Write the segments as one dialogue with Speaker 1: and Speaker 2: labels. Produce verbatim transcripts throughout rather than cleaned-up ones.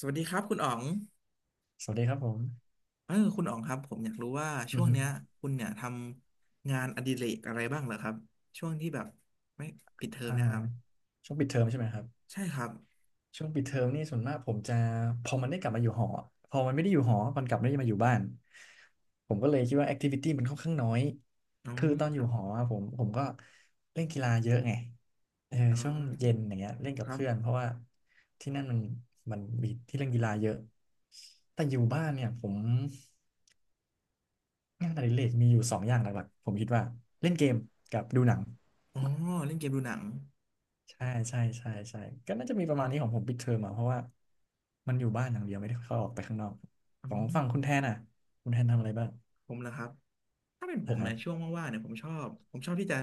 Speaker 1: สวัสดีครับคุณอ๋อง
Speaker 2: สวัสดีครับผม
Speaker 1: เออคุณอ๋องครับผมอยากรู้ว่า
Speaker 2: อื
Speaker 1: ช่
Speaker 2: อ
Speaker 1: วง
Speaker 2: ฮึ
Speaker 1: เนี้ยคุณเนี่ยทำงานอดิเรกอะไรบ้างเหรอครับช่วงที่แบบไม่ปิดเทอม
Speaker 2: อ่า
Speaker 1: เนะครับ
Speaker 2: ช่วงปิดเทอมใช่ไหมครับ
Speaker 1: ใช่ครับ
Speaker 2: ช่วงปิดเทอมนี่ส่วนมากผมจะพอมันได้กลับมาอยู่หอพอมันไม่ได้อยู่หอมันกลับไม่ได้มาอยู่บ้านผมก็เลยคิดว่าแอคทิวิตี้มันค่อนข้างน้อย
Speaker 1: อ๋อ
Speaker 2: คือตอน
Speaker 1: ค
Speaker 2: อยู่
Speaker 1: รับ
Speaker 2: หออะผมผมก็เล่นกีฬาเยอะไงเออ
Speaker 1: อ๋อ
Speaker 2: ช่วงเย็นอย่างเงี้ยเล่นกั
Speaker 1: ค
Speaker 2: บ
Speaker 1: รับ
Speaker 2: เพื่อนเพราะว่าที่นั่นมันมันมีที่เล่นกีฬาเยอะแต่อยู่บ้านเนี่ยผมงานอดิเรกมีอยู่สองอย่างหลักๆผมคิดว่าเล่นเกมกับดูหนัง
Speaker 1: อ๋อเล่นเกมดูหนัง
Speaker 2: ใช่ใช่ใช่ใช่ก็น่าจะมีประมาณนี้ของผมปิดเทอมอ่ะเพราะว่ามันอยู่บ้านอย่างเดียวไม่ได้เข้าออกไปข้างนอก
Speaker 1: อื
Speaker 2: ของฝั่
Speaker 1: ม
Speaker 2: งคุณแทนอ่ะคุณแทนทำอะไรบ้าง
Speaker 1: ผมเหรอครับถ้าเป็นผ
Speaker 2: นะ
Speaker 1: ม
Speaker 2: ฮะ
Speaker 1: เนี่ยช่วงว่างๆเนี่ยผมชอบผมชอบที่จะ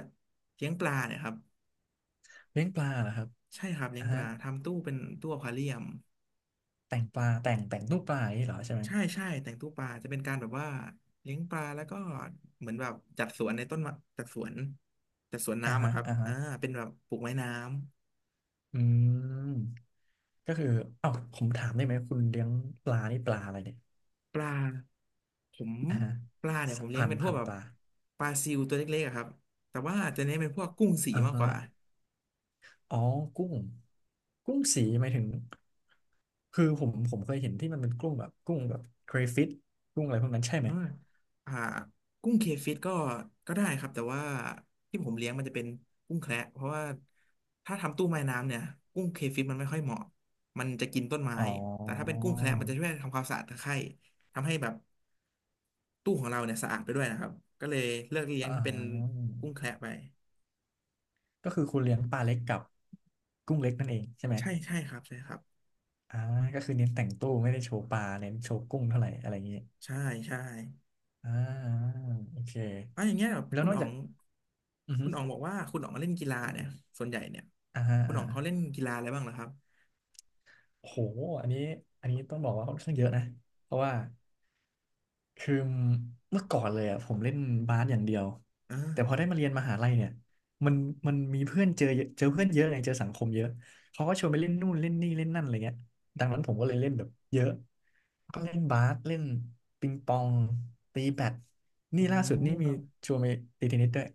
Speaker 1: เลี้ยงปลาเนี่ยครับ
Speaker 2: เลี้ยงปลาเหรอครับ
Speaker 1: ใช่ครับเลี้
Speaker 2: อ่า
Speaker 1: ยงป
Speaker 2: ฮะ
Speaker 1: ลาทำตู้เป็นตู้อควาเรียม
Speaker 2: แต่งปลาแต่งแต่งรูปปลาอย่างนี้เหรอใช่ไหม
Speaker 1: ใช่ใช่แต่งตู้ปลาจะเป็นการแบบว่าเลี้ยงปลาแล้วก็เหมือนแบบจัดสวนในต้นมะจัดสวนจัดสวน
Speaker 2: อ่า
Speaker 1: น้ำ
Speaker 2: ฮะ
Speaker 1: อะครับ
Speaker 2: อ่าฮะ
Speaker 1: อ่าเป็นแบบปลูกไม้น้
Speaker 2: อืมก็คือเอ้าผมถามได้ไหมคุณเลี้ยงปลานี่ปลาอะไรเนี่ย
Speaker 1: ำปลาผม
Speaker 2: อ่าฮะ
Speaker 1: ปลาเนี่ย
Speaker 2: สั
Speaker 1: ผ
Speaker 2: ก
Speaker 1: มเลี้ย
Speaker 2: พั
Speaker 1: ง
Speaker 2: น
Speaker 1: เป็นพว
Speaker 2: พั
Speaker 1: ก
Speaker 2: น
Speaker 1: แบบ
Speaker 2: ปลา
Speaker 1: ปลาซิวตัวเล็กๆอะครับแต่ว่าจะเน้นเป็นพวกกุ้งสี
Speaker 2: อ่า
Speaker 1: มาก
Speaker 2: ฮะ
Speaker 1: กว่า
Speaker 2: อ๋อกุ้ง กุ้งสีหมายถึง คือผมผมเคยเห็นที่มันเป็นกุ้งแบบกุ้งแบบเครฟิชกุ้งอะไรพวกนั้นใช่ไห
Speaker 1: อ่า
Speaker 2: ม
Speaker 1: อ่ากุ้งเคฟิตก็ก็ได้ครับแต่ว่าที่ผมเลี้ยงมันจะเป็นกุ้งแคระเพราะว่าถ้าทำตู้ไม้น้ำเนี่ยกุ้งเคฟิตมันไม่ค่อยเหมาะมันจะกินต้นไม้
Speaker 2: อ๋
Speaker 1: แต่ถ้า
Speaker 2: อ
Speaker 1: เป็นกุ้งแคระมันจะช่วยทำความสะอาดตะไคร่ทำให้แบบตู้ของเราเนี่ยสะอาดไปด้วยนะครับก็เลยเลือกเลี้ยง
Speaker 2: อ่า
Speaker 1: ที่เป็นกุ้งแคระไป
Speaker 2: ก็คือคุณเลี้ยงปลาเล็กกับกุ้งเล็กนั่นเองใช่ไหม
Speaker 1: ใช่ใช่ครับใช่ครับ
Speaker 2: อ่าก็คือเน้นแต่งตู้ไม่ได้โชว์ปลาเน้นโชว์กุ้งเท่าไหร่อะไรอย่างเงี้ย
Speaker 1: ใช่ใช่
Speaker 2: อ่าโอเค
Speaker 1: เอ๋ออย่างเงี้ยแบบ
Speaker 2: แล้ว
Speaker 1: คุ
Speaker 2: น
Speaker 1: ณ
Speaker 2: อก
Speaker 1: อ๋อ
Speaker 2: จาก
Speaker 1: ง
Speaker 2: อือฮึ
Speaker 1: คุณอ๋องบอกว่าคุณอ๋องเล่นกีฬาเนี่ยส่วนใหญ่เนี่ย
Speaker 2: อ่า
Speaker 1: คุณ
Speaker 2: อ่า
Speaker 1: อ๋องเขาเล่นกีฬาอะไรบ้างเหรอครับ
Speaker 2: โหอันนี้อันนี้ต้องบอกว่าค่อนข้างเยอะนะเพราะว่า คือเมื่อก่อนเลยอ่ะผมเล่นบาสอย่างเดียว
Speaker 1: อ่
Speaker 2: แต่พอได้
Speaker 1: า
Speaker 2: มาเรียนมหาลัยเนี่ยมันมันมีเพื่อนเจอเยอะเจอเพื่อนเยอะไงเจอสังคมเยอะเขาก็ชวนไปเล่นนู่นเล่นนี่เล่นนั่นอะไรเงี้ยดังนั้นผมก็เลยเล่นแบบเยอะก็เล่นบาสเล่นปิงปองตีแบด
Speaker 1: อ๋
Speaker 2: นี่
Speaker 1: อ
Speaker 2: ล่าสุดนี่
Speaker 1: ค
Speaker 2: มี
Speaker 1: รับ
Speaker 2: ชวนไปตีเทนนิสด้วย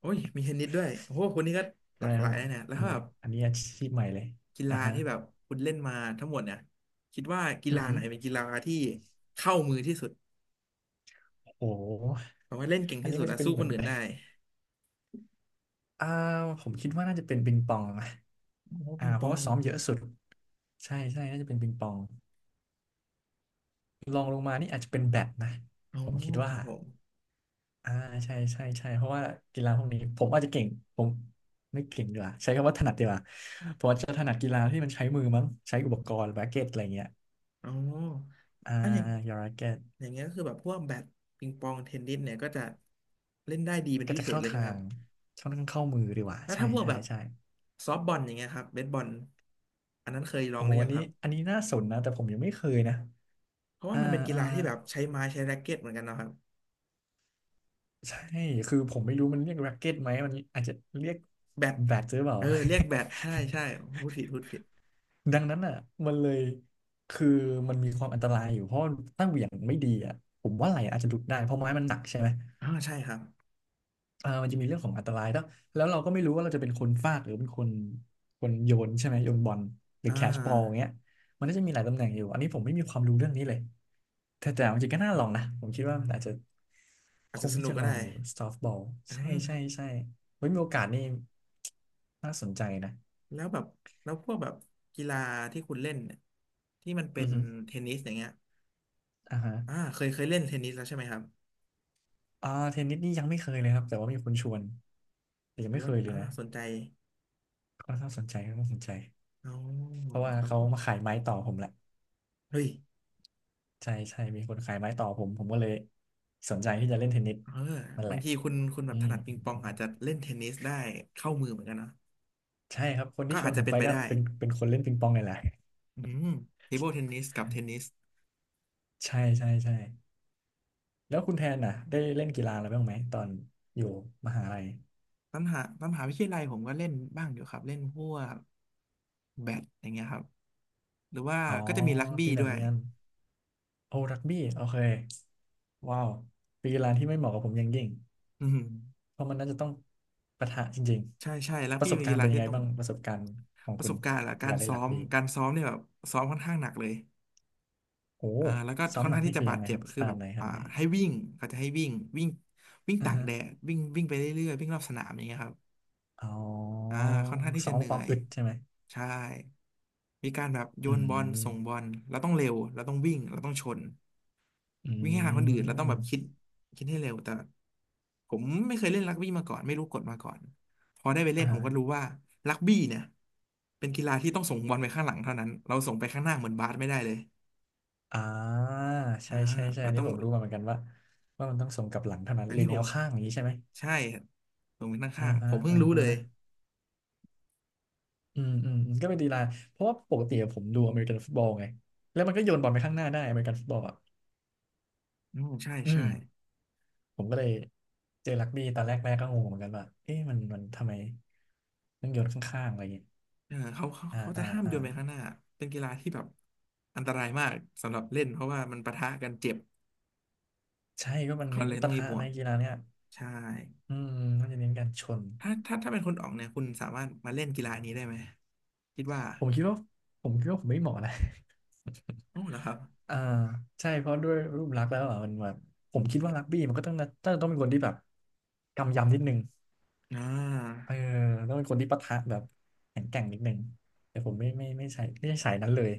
Speaker 1: โอ้ยมีเทนนิสด้วยโอ้โหคนนี้ก็ ห
Speaker 2: ใช่
Speaker 1: ลากห
Speaker 2: ค
Speaker 1: ลา
Speaker 2: รั
Speaker 1: ย
Speaker 2: บ
Speaker 1: นะเนี่ยแล้ว
Speaker 2: อัน
Speaker 1: ถ้า
Speaker 2: นี้
Speaker 1: แบบ
Speaker 2: อันนี้อาชีพใหม่เลย
Speaker 1: กี
Speaker 2: อ่ะ
Speaker 1: ฬา
Speaker 2: ฮะ
Speaker 1: ที่แบบคุณเล่นมาทั้งหมดเนี่ยคิดว่ากี
Speaker 2: อือ
Speaker 1: ฬา
Speaker 2: ฮึ
Speaker 1: ไหนเป็นกีฬาที่เข้ามือที่สุด
Speaker 2: โอ้โห
Speaker 1: แปลว่าเล่นเก่ง
Speaker 2: อัน
Speaker 1: ที่
Speaker 2: นี้
Speaker 1: สุด
Speaker 2: มันจะ
Speaker 1: อะ
Speaker 2: เป็น
Speaker 1: สู้
Speaker 2: เห
Speaker 1: ค
Speaker 2: มื
Speaker 1: น
Speaker 2: อน
Speaker 1: อื่นได้
Speaker 2: อ่าผมคิดว่าน่าจะเป็นปิงปองนะ
Speaker 1: โอ้
Speaker 2: อ่า
Speaker 1: ปิง
Speaker 2: เพ
Speaker 1: ป
Speaker 2: ราะ
Speaker 1: อ
Speaker 2: ว่า
Speaker 1: ง
Speaker 2: ซ้อมเยอะสุดใช่ใช่น่าจะเป็นปิงปองรองลงมานี่อาจจะเป็นแบดนะ
Speaker 1: อ๋อ
Speaker 2: ผมคิด
Speaker 1: ค
Speaker 2: ว่า
Speaker 1: รับผม
Speaker 2: อ่าใช่ใช่ใช่เพราะว่ากีฬาพวกนี้ผมอาจจะเก่งผมไม่เก่งดีกว่าใช้คำว่าถนัดดีกว่าผมอาจจะถนัดกีฬาที่มันใช้มือมั้งใช้อุปกรณ์แร็กเก็ตอะไรเงี้ย
Speaker 1: อ๋อ
Speaker 2: อ่า
Speaker 1: อ่ะอย่าง
Speaker 2: ยาแร็กเก็ต
Speaker 1: อย่างเงี้ยก็คือแบบพวกแบดปิงปองเทนนิสเนี่ยก็จะเล่นได้ดีเป็น
Speaker 2: ก็
Speaker 1: พิ
Speaker 2: จะ
Speaker 1: เศษ
Speaker 2: เข้า
Speaker 1: เลยใช่
Speaker 2: ทา
Speaker 1: ไหมค
Speaker 2: ง
Speaker 1: รับ
Speaker 2: ช่องทางเข้ามือดีกว่า
Speaker 1: แล้ว
Speaker 2: ใช่
Speaker 1: ถ้าพวก
Speaker 2: ใช่
Speaker 1: แบบ
Speaker 2: ใช่
Speaker 1: ซอฟต์บอลอย่างเงี้ยครับเบสบอลอันนั้นเคยลอ
Speaker 2: โอ้
Speaker 1: งห
Speaker 2: โห
Speaker 1: รือ
Speaker 2: อั
Speaker 1: ยั
Speaker 2: น
Speaker 1: งค
Speaker 2: นี้
Speaker 1: รับ
Speaker 2: อันนี้น่าสนนะแต่ผมยังไม่เคยนะ
Speaker 1: เพราะว่า
Speaker 2: อ่า
Speaker 1: มันเป็นกี
Speaker 2: อ่า
Speaker 1: ฬาที่แบบใช้ไม้ใช้แร็กเก็ตเหมือนกันเนาะครับ
Speaker 2: ใช่คือผมไม่รู้มันเรียกแร็กเก็ตไหมมันอาจจะเรียก
Speaker 1: แบด
Speaker 2: แบดหรือเปล่า
Speaker 1: เออเรียกแบดใช่ใช่พูดผิดพูดผิด
Speaker 2: ดังนั้นอ่ะมันเลยคือมันมีความอันตรายอยู่เพราะถ้าเหวี่ยงไม่ดีอ่ะผมว่าไหล่อาจจะหลุดได้เพราะไม้มันหนักใช่ไหม
Speaker 1: อ่าใช่ครับ
Speaker 2: เออมันจะมีเรื่องของอันตรายแล้วแล้วเราก็ไม่รู้ว่าเราจะเป็นคนฟาดหรือเป็นคนคนโยนใช่ไหมโยนบอลหรือ
Speaker 1: อ่
Speaker 2: แคชบอลอย่า
Speaker 1: า
Speaker 2: งเงี้ยมันก็จะมีหลายตำแหน่งอยู่อันนี้ผมไม่มีความรู้เรื่องนี้เลยแต่แต่จริงๆก็น่าลองนะผมคิดว่ามันอาจจะ ค
Speaker 1: อาจจะ
Speaker 2: ง
Speaker 1: ส
Speaker 2: ที่
Speaker 1: นุก
Speaker 2: จะ
Speaker 1: ก็
Speaker 2: ลอ
Speaker 1: ได้
Speaker 2: งอยู่ซอฟต์บอล
Speaker 1: อ่
Speaker 2: ใช่ใช่
Speaker 1: า
Speaker 2: ใช่เฮ้ยมีโอกาสนี่น่าสนใจนะ
Speaker 1: แล้วแบบแล้วพวกแบบกีฬาที่คุณเล่นเนี่ยที่มันเป็
Speaker 2: อื
Speaker 1: น
Speaker 2: อฮึ
Speaker 1: เทนนิสอย่างเงี้ย
Speaker 2: อ่าฮะ
Speaker 1: อ่าเคยเคยเล่นเทนนิสแล้วใช่ไหมครับ
Speaker 2: อ่าเทนนิสนี่ยังไม่เคยเลยครับแต่ว่ามีคนชวนแต่ยั
Speaker 1: ห
Speaker 2: ง
Speaker 1: รือ
Speaker 2: ไม่
Speaker 1: ว่า
Speaker 2: เคยเลย
Speaker 1: อ่า
Speaker 2: นะ
Speaker 1: สนใจ
Speaker 2: ก็น่าสนใจก็น่าสนใจ
Speaker 1: อ๋อ
Speaker 2: เพราะว่า
Speaker 1: ครับ
Speaker 2: เขา
Speaker 1: ผม
Speaker 2: มาขายไม้ต่อผมแหละ
Speaker 1: เฮ้ย
Speaker 2: ใช่ใช่มีคนขายไม้ต่อผมผมก็เลยสนใจที่จะเล่นเทนนิส
Speaker 1: เออ
Speaker 2: นั่นแห
Speaker 1: บาง
Speaker 2: ละ
Speaker 1: ทีคุณคุณแบ
Speaker 2: อื
Speaker 1: บถ
Speaker 2: ม
Speaker 1: นัดปิงปองอาจจะเล่นเทนนิสได้เข้ามือเหมือนกันเนอะ
Speaker 2: ใช่ครับคน
Speaker 1: ก็
Speaker 2: ที่ช
Speaker 1: อา
Speaker 2: ว
Speaker 1: จ
Speaker 2: น
Speaker 1: จะ
Speaker 2: ผม
Speaker 1: เป็น
Speaker 2: ไป
Speaker 1: ไป
Speaker 2: ก็
Speaker 1: ได้
Speaker 2: เป็นเป็นคนเล่นปิงปองนี่แหละ
Speaker 1: อืมเทเบิลเทนนิสกับเทนนิส
Speaker 2: ใช่ใช่ใช่แล้วคุณแทนน่ะได้เล่นกีฬาอะไรบ้างไหมตอนอยู่มหาลัย
Speaker 1: ตามหาตามหาวิทยาลัยผมก็เล่นบ้างอยู่ครับเล่นพวกแบดอย่างเงี้ยครับหรือว่า
Speaker 2: อ๋อ
Speaker 1: ก็จะมีรักบี้
Speaker 2: ตีแบ
Speaker 1: ด้
Speaker 2: ด
Speaker 1: ว
Speaker 2: เหมื
Speaker 1: ย
Speaker 2: อนกันโอ้รักบี้โอเคว้าวเป็นกีฬาที่ไม่เหมาะกับผมอย่างยิ่ง
Speaker 1: อืม
Speaker 2: เพราะมันน่าจะต้องปะทะจริง
Speaker 1: ใช่ใช่รัก
Speaker 2: ๆประ
Speaker 1: บี้
Speaker 2: สบ
Speaker 1: เป็น
Speaker 2: การ
Speaker 1: กี
Speaker 2: ณ์เป็
Speaker 1: ฬา
Speaker 2: นยั
Speaker 1: ที่
Speaker 2: งไง
Speaker 1: ต้อง
Speaker 2: บ้างประสบการณ์ของ
Speaker 1: ประ
Speaker 2: คุ
Speaker 1: ส
Speaker 2: ณ
Speaker 1: บการณ์ละ
Speaker 2: จาก
Speaker 1: การ
Speaker 2: การเล่น
Speaker 1: ซ้อ
Speaker 2: รัก
Speaker 1: ม
Speaker 2: บี้
Speaker 1: การซ้อมเนี่ยแบบซ้อมค่อนข้างหนักเลย
Speaker 2: โอ้
Speaker 1: อ่าแล้วก็
Speaker 2: ซ้อม
Speaker 1: ค่อน
Speaker 2: หนั
Speaker 1: ข้า
Speaker 2: ก
Speaker 1: งที่
Speaker 2: นี่
Speaker 1: จะ
Speaker 2: คือ
Speaker 1: บา
Speaker 2: ยั
Speaker 1: ด
Speaker 2: งไง
Speaker 1: เจ็
Speaker 2: ค
Speaker 1: บ
Speaker 2: รับ
Speaker 1: คือ
Speaker 2: ข
Speaker 1: แบ
Speaker 2: นาด
Speaker 1: บ
Speaker 2: ไหนข
Speaker 1: อ่า
Speaker 2: นาดไหน
Speaker 1: ให้วิ่งเขาจะให้วิ่งวิ่งวิ่ง
Speaker 2: อือ
Speaker 1: ตาก
Speaker 2: ฮะ
Speaker 1: แดดวิ่งวิ่งไปเรื่อยๆวิ่งรอบสนามอย่างเงี้ยครับ
Speaker 2: อ๋
Speaker 1: อ่า
Speaker 2: อ
Speaker 1: ค่อนข้างที่
Speaker 2: ซ้
Speaker 1: จะ
Speaker 2: อม
Speaker 1: เหนื่
Speaker 2: ควา
Speaker 1: อ
Speaker 2: ม
Speaker 1: ย
Speaker 2: อึดใช่ไหม
Speaker 1: ใช่มีการแบบโย
Speaker 2: อื
Speaker 1: นบอลส่งบอ
Speaker 2: ม
Speaker 1: ลเราต้องเร็วเราต้องวิ่งเราต้องชน
Speaker 2: อื
Speaker 1: วิ่งให้ทันคนอื่นเราต้องแบบคิด
Speaker 2: ม
Speaker 1: คิดให้เร็วแต่ผมไม่เคยเล่นรักบี้มาก่อนไม่รู้กฎมาก่อนพอได้ไปเล่นผมก็รู้
Speaker 2: อ่า
Speaker 1: ว่ารักบี้เนี่ยเป็นกีฬาที่ต้องส่งบอลไปข้างหลังเท่านั้นเราส่งไปข้างหน้าเหมือนบาสไม่ได้เลย
Speaker 2: อ่า
Speaker 1: อ่า
Speaker 2: ใช่ใช่ใช่
Speaker 1: เรา
Speaker 2: อัน
Speaker 1: ต้
Speaker 2: นี้
Speaker 1: อง
Speaker 2: ผมรู้มาเหมือนกันว่าว่ามันต้องส่งกลับหลังเท่านั้น
Speaker 1: อัน
Speaker 2: หรือ
Speaker 1: นี้ผ
Speaker 2: แน
Speaker 1: ม
Speaker 2: วข้างอย่างนี้ใช่ไหม
Speaker 1: ใช่ส่งไปข้าง
Speaker 2: อ่า
Speaker 1: ข้างผ
Speaker 2: ฮะ
Speaker 1: มเพิ่ง
Speaker 2: อ่า
Speaker 1: รู้เล
Speaker 2: ฮะ
Speaker 1: ย
Speaker 2: อืมอืมอืมก็เป็นดีไลน์เพราะว่าปกติอะผมดูอเมริกันฟุตบอลไงแล้วมันก็โยนบอลไปข้างหน้าได้อเมริกันฟุตบอลอ่ะ
Speaker 1: อืมใช่
Speaker 2: อืม
Speaker 1: ใช่
Speaker 2: ผมก็เลยเจอรักบี้ตอนแรกแม่ก็งงเหมือนกันว่าเอ๊ะมันมันทำไมต้องโยนข้างๆอะไรอย่างเงี้ย
Speaker 1: เออเขาเขา
Speaker 2: อ่า
Speaker 1: เขาจะ
Speaker 2: อ่า
Speaker 1: ห้าม
Speaker 2: อ่า
Speaker 1: โยนไปข้างหน้าเป็นกีฬาที่แบบอันตรายมากสำหรับเล่นเพราะว่ามันปะทะกันเจ็บ
Speaker 2: ใช่ก็มัน
Speaker 1: เขา
Speaker 2: เน้น
Speaker 1: เลยต้อ
Speaker 2: ปะ
Speaker 1: งมี
Speaker 2: ทะ
Speaker 1: บว
Speaker 2: ใน
Speaker 1: ก
Speaker 2: กีฬาเนี่ย
Speaker 1: ใช่
Speaker 2: อืมมันจะเน้นการชน
Speaker 1: ถ้าถ้าถ้าเป็นคุณอ๋องเนี่ยคุณสามารถมาเล่นกีฬานี้ได้ไหมคิดว่า
Speaker 2: ผมคิดว่าผมคิดว่าผมไม่เหมาะนะ
Speaker 1: อ๋อเหรอครับ
Speaker 2: อ่าใช่เพราะด้วยรูปลักษณ์แล้วอ่ะมันแบบผมคิดว่ารักบี้มันก็ต้องน่าต้องเป็นคนที่แบบกำยำนิดนึง
Speaker 1: อ่า
Speaker 2: เออต้องเป็นคนที่ปะทะแบบแข็งแกร่งนิดนึงแต่ผมไม่ไม่ไม่ใช่ไม่ใช่สายนั้นเลย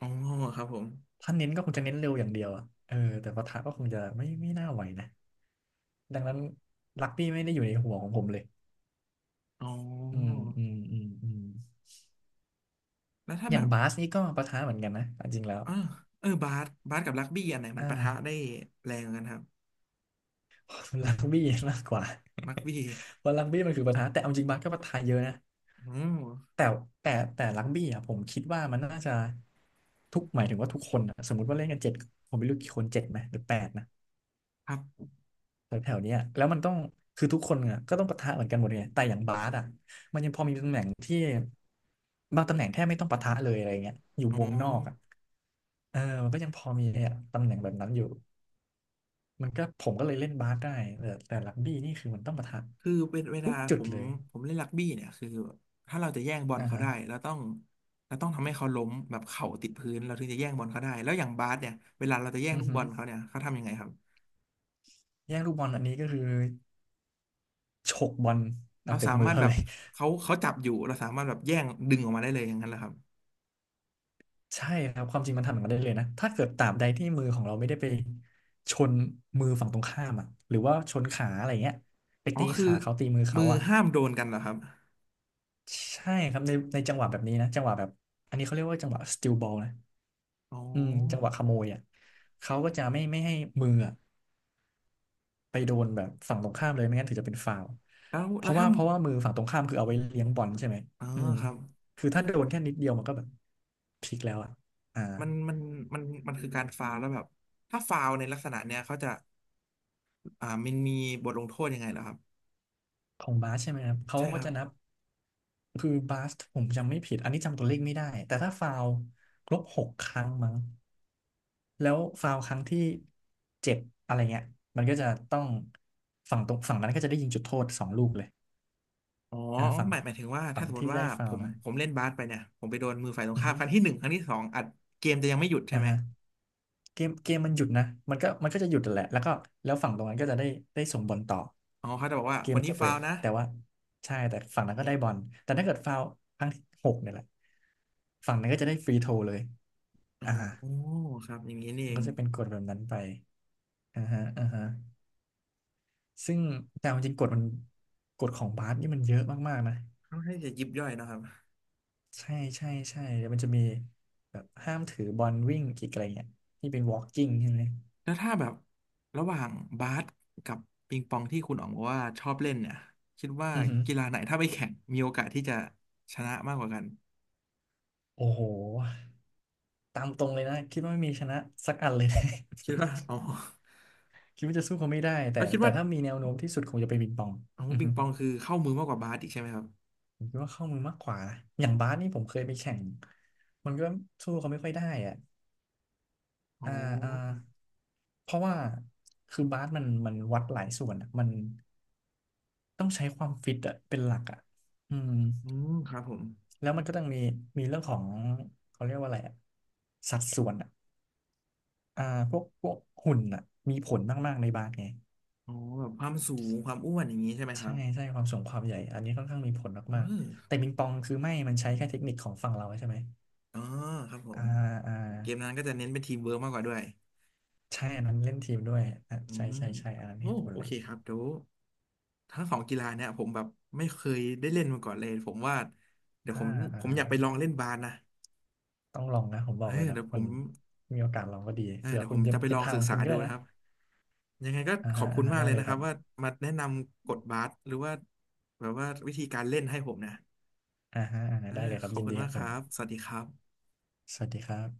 Speaker 1: อ๋อครับผม
Speaker 2: ถ้าเน้นก็คงจะเน้นเร็วอย่างเดียวอะเออแต่ปะทะก็คงจะไม่ไม่น่าไหวนะดังนั้นลักบี้ไม่ได้อยู่ในหัวของผมเลย
Speaker 1: อ๋อ
Speaker 2: อืมอืมอืมอืม
Speaker 1: แล้วถ้า
Speaker 2: อ
Speaker 1: แบ
Speaker 2: ย่าง
Speaker 1: บ
Speaker 2: บาสนี่ก็ปะทะเหมือนกันนะจริงๆแล้ว
Speaker 1: อ่าเออบาสบาสกับรักบี้อันไหน
Speaker 2: อ
Speaker 1: มันปะทะได้
Speaker 2: ่า
Speaker 1: แรงกันครับ
Speaker 2: รักบี้มากกว่า
Speaker 1: รักบี้
Speaker 2: เพราะรักบี้มันคือประธานแต่เอาจริงบาสก็ประธานเยอะนะ
Speaker 1: อ๋อ
Speaker 2: แต่แต่แต่รักบี้อ่ะผมคิดว่ามันน่าจะทุกหมายถึงว่าทุกคนอะสมมติว่าเล่นกันเจ็ดผมไม่รู้กี่คนเจ็ดไหมหรือแปดนะ
Speaker 1: ครับ
Speaker 2: แถวแถวเนี้ยแล้วมันต้องคือทุกคนอ่ะก็ต้องปะทะเหมือนกันหมดไงแต่อย่างบาสอ่ะบางตำแหน่งแทบไม่ต้องปะทะเลยอะไรเงี้ยอยู่
Speaker 1: อ๋อ
Speaker 2: วงนอกอ่ะเออมันก็ยังพอมีอ่ะตำแหน่งแบบนั้นอยู่มันก็ผมก็เลยเล่นบาสได้แต่แต่รักบี้นี่คือมันต้องปะทะ
Speaker 1: คือเป็นเวลา
Speaker 2: ทุกจุ
Speaker 1: ผ
Speaker 2: ด
Speaker 1: ม
Speaker 2: เลย
Speaker 1: ผมเล่นรักบี้เนี่ยคือถ้าเราจะแย่งบอล
Speaker 2: อ่า
Speaker 1: เขา
Speaker 2: ฮะ
Speaker 1: ได้เราต้องเราต้องทำให้เขาล้มแบบเข่าติดพื้นเราถึงจะแย่งบอลเขาได้แล้วอย่างบาสเนี่ยเวลาเราจะแย่ง
Speaker 2: อื
Speaker 1: ลู
Speaker 2: อ
Speaker 1: ก
Speaker 2: หื
Speaker 1: บ
Speaker 2: อ
Speaker 1: อลเขาเนี่ยเขาทำยังไงครับ
Speaker 2: แย่งลูกบอลอันนี้ก็คือฉกบอลออ
Speaker 1: เรา
Speaker 2: กจาก
Speaker 1: สา
Speaker 2: มือ
Speaker 1: มารถ
Speaker 2: เขา
Speaker 1: แบ
Speaker 2: เล
Speaker 1: บ
Speaker 2: ย
Speaker 1: เขาเขาจับอยู่เราสามารถแบบแย่งดึงออกมาได้เลยอย่างนั้นเหรอครับ
Speaker 2: ใช่ครับความจริงมันทำอย่างนั้นได้เลยนะถ้าเกิดตราบใดที่มือของเราไม่ได้ไปชนมือฝั่งตรงข้ามอ่ะหรือว่าชนขาอะไรเงี้ยไป
Speaker 1: อ๋อ
Speaker 2: ตี
Speaker 1: คือ
Speaker 2: ขาเขาตีมือ
Speaker 1: มื
Speaker 2: เขา
Speaker 1: อ
Speaker 2: อ่ะ
Speaker 1: ห้ามโดนกันเหรอครับ
Speaker 2: ใช่ครับในในจังหวะแบบนี้นะจังหวะแบบอันนี้เขาเรียกว่าจังหวะ สตีล บอล นะ
Speaker 1: อ๋อ
Speaker 2: อืมจังหวะขโมยอ่ะเขาก็จะไม่ไม่ให้มืออะ ไปโดนแบบฝั่งตรงข้ามเลยไม่งั้นถือจะเป็นฟาวล์
Speaker 1: แล้ว
Speaker 2: เพ
Speaker 1: แล้ว
Speaker 2: ราะ
Speaker 1: ถ้า
Speaker 2: ว่าเพราะว่ามือฝั่งตรงข้ามคือเอาไว้เลี้ยงบอลใช่ไหม
Speaker 1: เออ
Speaker 2: อืม
Speaker 1: ครับ
Speaker 2: คือถ้าโดนแค่นิดเดียวมันก็แบบพลิกแล้วอ่ะอ่า
Speaker 1: มันมันมันมันคือการฟาวล์แล้วแบบถ้าฟาวล์ในลักษณะเนี้ยเขาจะอ่ามันมีบทลงโทษยังไงเหรอครับ
Speaker 2: ของบาสใช่ไหมครับเขา
Speaker 1: ใช่
Speaker 2: ก็
Speaker 1: ครั
Speaker 2: จะ
Speaker 1: บ
Speaker 2: นับคือบาสผมจำไม่ผิดอันนี้จำตัวเลขไม่ได้แต่ถ้าฟาวล์ครบหกครั้งมั้งแล้วฟาวล์ครั้งที่เจ็ดอะไรเงี้ยมันก็จะต้องฝั่งตรงฝั่งนั้นก็จะได้ยิงจุดโทษสองลูกเลย
Speaker 1: อ๋อ
Speaker 2: อ่าฝั่ง
Speaker 1: หมายหมายถึงว่า
Speaker 2: ฝั่
Speaker 1: ถ้า
Speaker 2: ง
Speaker 1: สมม
Speaker 2: ที่
Speaker 1: ติ
Speaker 2: ได้
Speaker 1: ว่า
Speaker 2: ฟา
Speaker 1: ผ
Speaker 2: วล์
Speaker 1: ม
Speaker 2: นะ
Speaker 1: ผมเล่นบาสไปเนี่ยผมไปโดนมือฝ่ายตรง
Speaker 2: อือ
Speaker 1: ข้าม
Speaker 2: ฮึ
Speaker 1: ครั้งที่หนึ่งครั้งที่สองอัดเกมจะยังไม่หยุดใช่
Speaker 2: อ่า
Speaker 1: ไหม
Speaker 2: ฮะ เกมเกมมันหยุดนะ มันก็มันก็จะหยุดแหละแล้วก็แล้วฝั่งตรงนั้นก็จะได้ได้ส่งบอลต่อ
Speaker 1: อ๋อเขาจะบอกว่า
Speaker 2: เก
Speaker 1: ค
Speaker 2: ม
Speaker 1: น
Speaker 2: มัน
Speaker 1: นี้
Speaker 2: จะเบร
Speaker 1: ฟาว
Speaker 2: ก
Speaker 1: ล์นะ
Speaker 2: แต่ว่าใช่แต่ฝั่ง
Speaker 1: อย่า
Speaker 2: นั้
Speaker 1: ง
Speaker 2: นก็
Speaker 1: เงี้
Speaker 2: ได้
Speaker 1: ย
Speaker 2: บอลแต่ถ้าเกิดฟาวล์ครั้งที่หกเนี่ยแหละฝั่งนั้นก็จะได้ฟรีโทเลย
Speaker 1: อ๋อ
Speaker 2: อ่า
Speaker 1: ครับอย่างนี้นี่
Speaker 2: มั
Speaker 1: เอ
Speaker 2: นก็
Speaker 1: ง
Speaker 2: จะเป็นกฎแบบนั้นไปอ่าฮะอ่าฮะซึ่งแต่เอาจริงกฎมันกฎของบาสนี่มันเยอะมากๆนะ
Speaker 1: ค่อนข้างจะยิบย่อยเนอะครับ
Speaker 2: ใช่ใช่ใช่แล้วมันจะมีแบบห้ามถือบอลวิ่งอีกอะไรเงี้ยที่เป็น วอล์กกิ้ง ใช่ไหม
Speaker 1: แล้วถ้าแบบระหว่างบาสกับปิงปองที่คุณอ๋องบอกว่าชอบเล่นเนี่ยคิดว่า
Speaker 2: อือฮึ
Speaker 1: กีฬาไหนถ้าไปแข่งมีโอกาสที่จะชนะมากกว่ากัน
Speaker 2: โอ้โห ตามตรงเลยนะคิดว่าไม่มีชนะสักอันเลยนะ
Speaker 1: คิดว่าอ๋อ
Speaker 2: คิดว่าจะสู้เขาไม่ได้แต่
Speaker 1: แล้วคิด
Speaker 2: แต่
Speaker 1: ว่า
Speaker 2: ถ้ามีแนวโน้มที่สุดคงจะเป็นปิงปอง
Speaker 1: อ๋อ
Speaker 2: อือ
Speaker 1: ปิ
Speaker 2: ฮึ
Speaker 1: งปองคือเข้ามือมากกว่าบาสอีกใช่ไหมครับ
Speaker 2: ผมคิดว่าเข้ามือมากกว่านะอย่างบาสนี่ผมเคยไปแข่งมันก็สู้เขาไม่ค่อยได้อ่ะ
Speaker 1: อ๋
Speaker 2: อ่า
Speaker 1: อ
Speaker 2: อ่าเพราะว่าคือบาสมันมันวัดหลายส่วนอะมันต้องใช้ความฟิตอ่ะเป็นหลักอ่ะอืม
Speaker 1: อืมครับผม
Speaker 2: แล้วมันก็ต้องมีมีเรื่องของเขาเรียกว่าอะไรอ่ะสัดส่วนอ่ะอ่าพวกพวกหุ่นอ่ะมีผลมากๆในบาสไง
Speaker 1: อ๋อแบบความสูงความอ้วนอย่างนี้ใช่ไหมค
Speaker 2: ใช่
Speaker 1: รับ
Speaker 2: ใช่ความสูงความใหญ่ อันนี้ค่อนข้างมีผล
Speaker 1: เอ
Speaker 2: มาก
Speaker 1: อ
Speaker 2: ๆแต่ปิงปองคือไม่ มันใช้แค่เทคนิคของฝั่งเราใช่ไหม
Speaker 1: อ๋อครับผ
Speaker 2: อ่า
Speaker 1: ม
Speaker 2: อ่า
Speaker 1: เกมนั้นก็จะเน้นเป็นทีมเวิร์กมากกว่าด้วย
Speaker 2: ใช่อันนั้นเล่นทีมด้วยอ่ะ
Speaker 1: อื
Speaker 2: ใช่
Speaker 1: ม
Speaker 2: ใช่ใช่อันนั้นเห็
Speaker 1: โอ้
Speaker 2: นผล
Speaker 1: โอ
Speaker 2: เล
Speaker 1: เค
Speaker 2: ย
Speaker 1: ครับเดี๋ยว ทั้งสองกีฬาเนี่ยผมแบบไม่เคยได้เล่นมาก่อนเลยผมว่าเดี๋ยวผ
Speaker 2: อ่า
Speaker 1: ม
Speaker 2: อ่า
Speaker 1: ผมอยากไปลองเล่นบาสนะ
Speaker 2: ต้องลองนะผมบ
Speaker 1: เอ
Speaker 2: อกเล
Speaker 1: อ
Speaker 2: ยเนาะ
Speaker 1: เดี๋ยวผ
Speaker 2: มัน
Speaker 1: ม
Speaker 2: มีโอกาสลองก็ดี
Speaker 1: เออ
Speaker 2: เผื่อ
Speaker 1: เดี๋ยว
Speaker 2: คุ
Speaker 1: ผ
Speaker 2: ณ
Speaker 1: ม
Speaker 2: จะ
Speaker 1: จะไป
Speaker 2: เป็
Speaker 1: ล
Speaker 2: น
Speaker 1: อง
Speaker 2: ทาง
Speaker 1: ศึ
Speaker 2: ข
Speaker 1: ก
Speaker 2: อง
Speaker 1: ษา
Speaker 2: คุณก็
Speaker 1: ดู
Speaker 2: ได้
Speaker 1: นะ
Speaker 2: นะ
Speaker 1: ครับยังไงก็
Speaker 2: อ่า
Speaker 1: ขอ
Speaker 2: ฮะ
Speaker 1: บคุ
Speaker 2: อ่า
Speaker 1: ณ
Speaker 2: ฮะ
Speaker 1: มาก
Speaker 2: ได้
Speaker 1: เลย
Speaker 2: เลย
Speaker 1: นะ
Speaker 2: ค
Speaker 1: ครั
Speaker 2: รั
Speaker 1: บ
Speaker 2: บ
Speaker 1: ว่ามาแนะนำกฎบาสหรือว่าแบบว่าวิธีการเล่นให้ผมนะ
Speaker 2: อ่าฮะอ่าฮะ
Speaker 1: เอ
Speaker 2: ได้
Speaker 1: อ
Speaker 2: เลยครั
Speaker 1: ข
Speaker 2: บ
Speaker 1: อบ
Speaker 2: ยิน
Speaker 1: คุณ
Speaker 2: ดีค
Speaker 1: มา
Speaker 2: รั
Speaker 1: ก
Speaker 2: บ
Speaker 1: ค
Speaker 2: ผม
Speaker 1: รับสวัสดีครับ
Speaker 2: สวัสดีครับ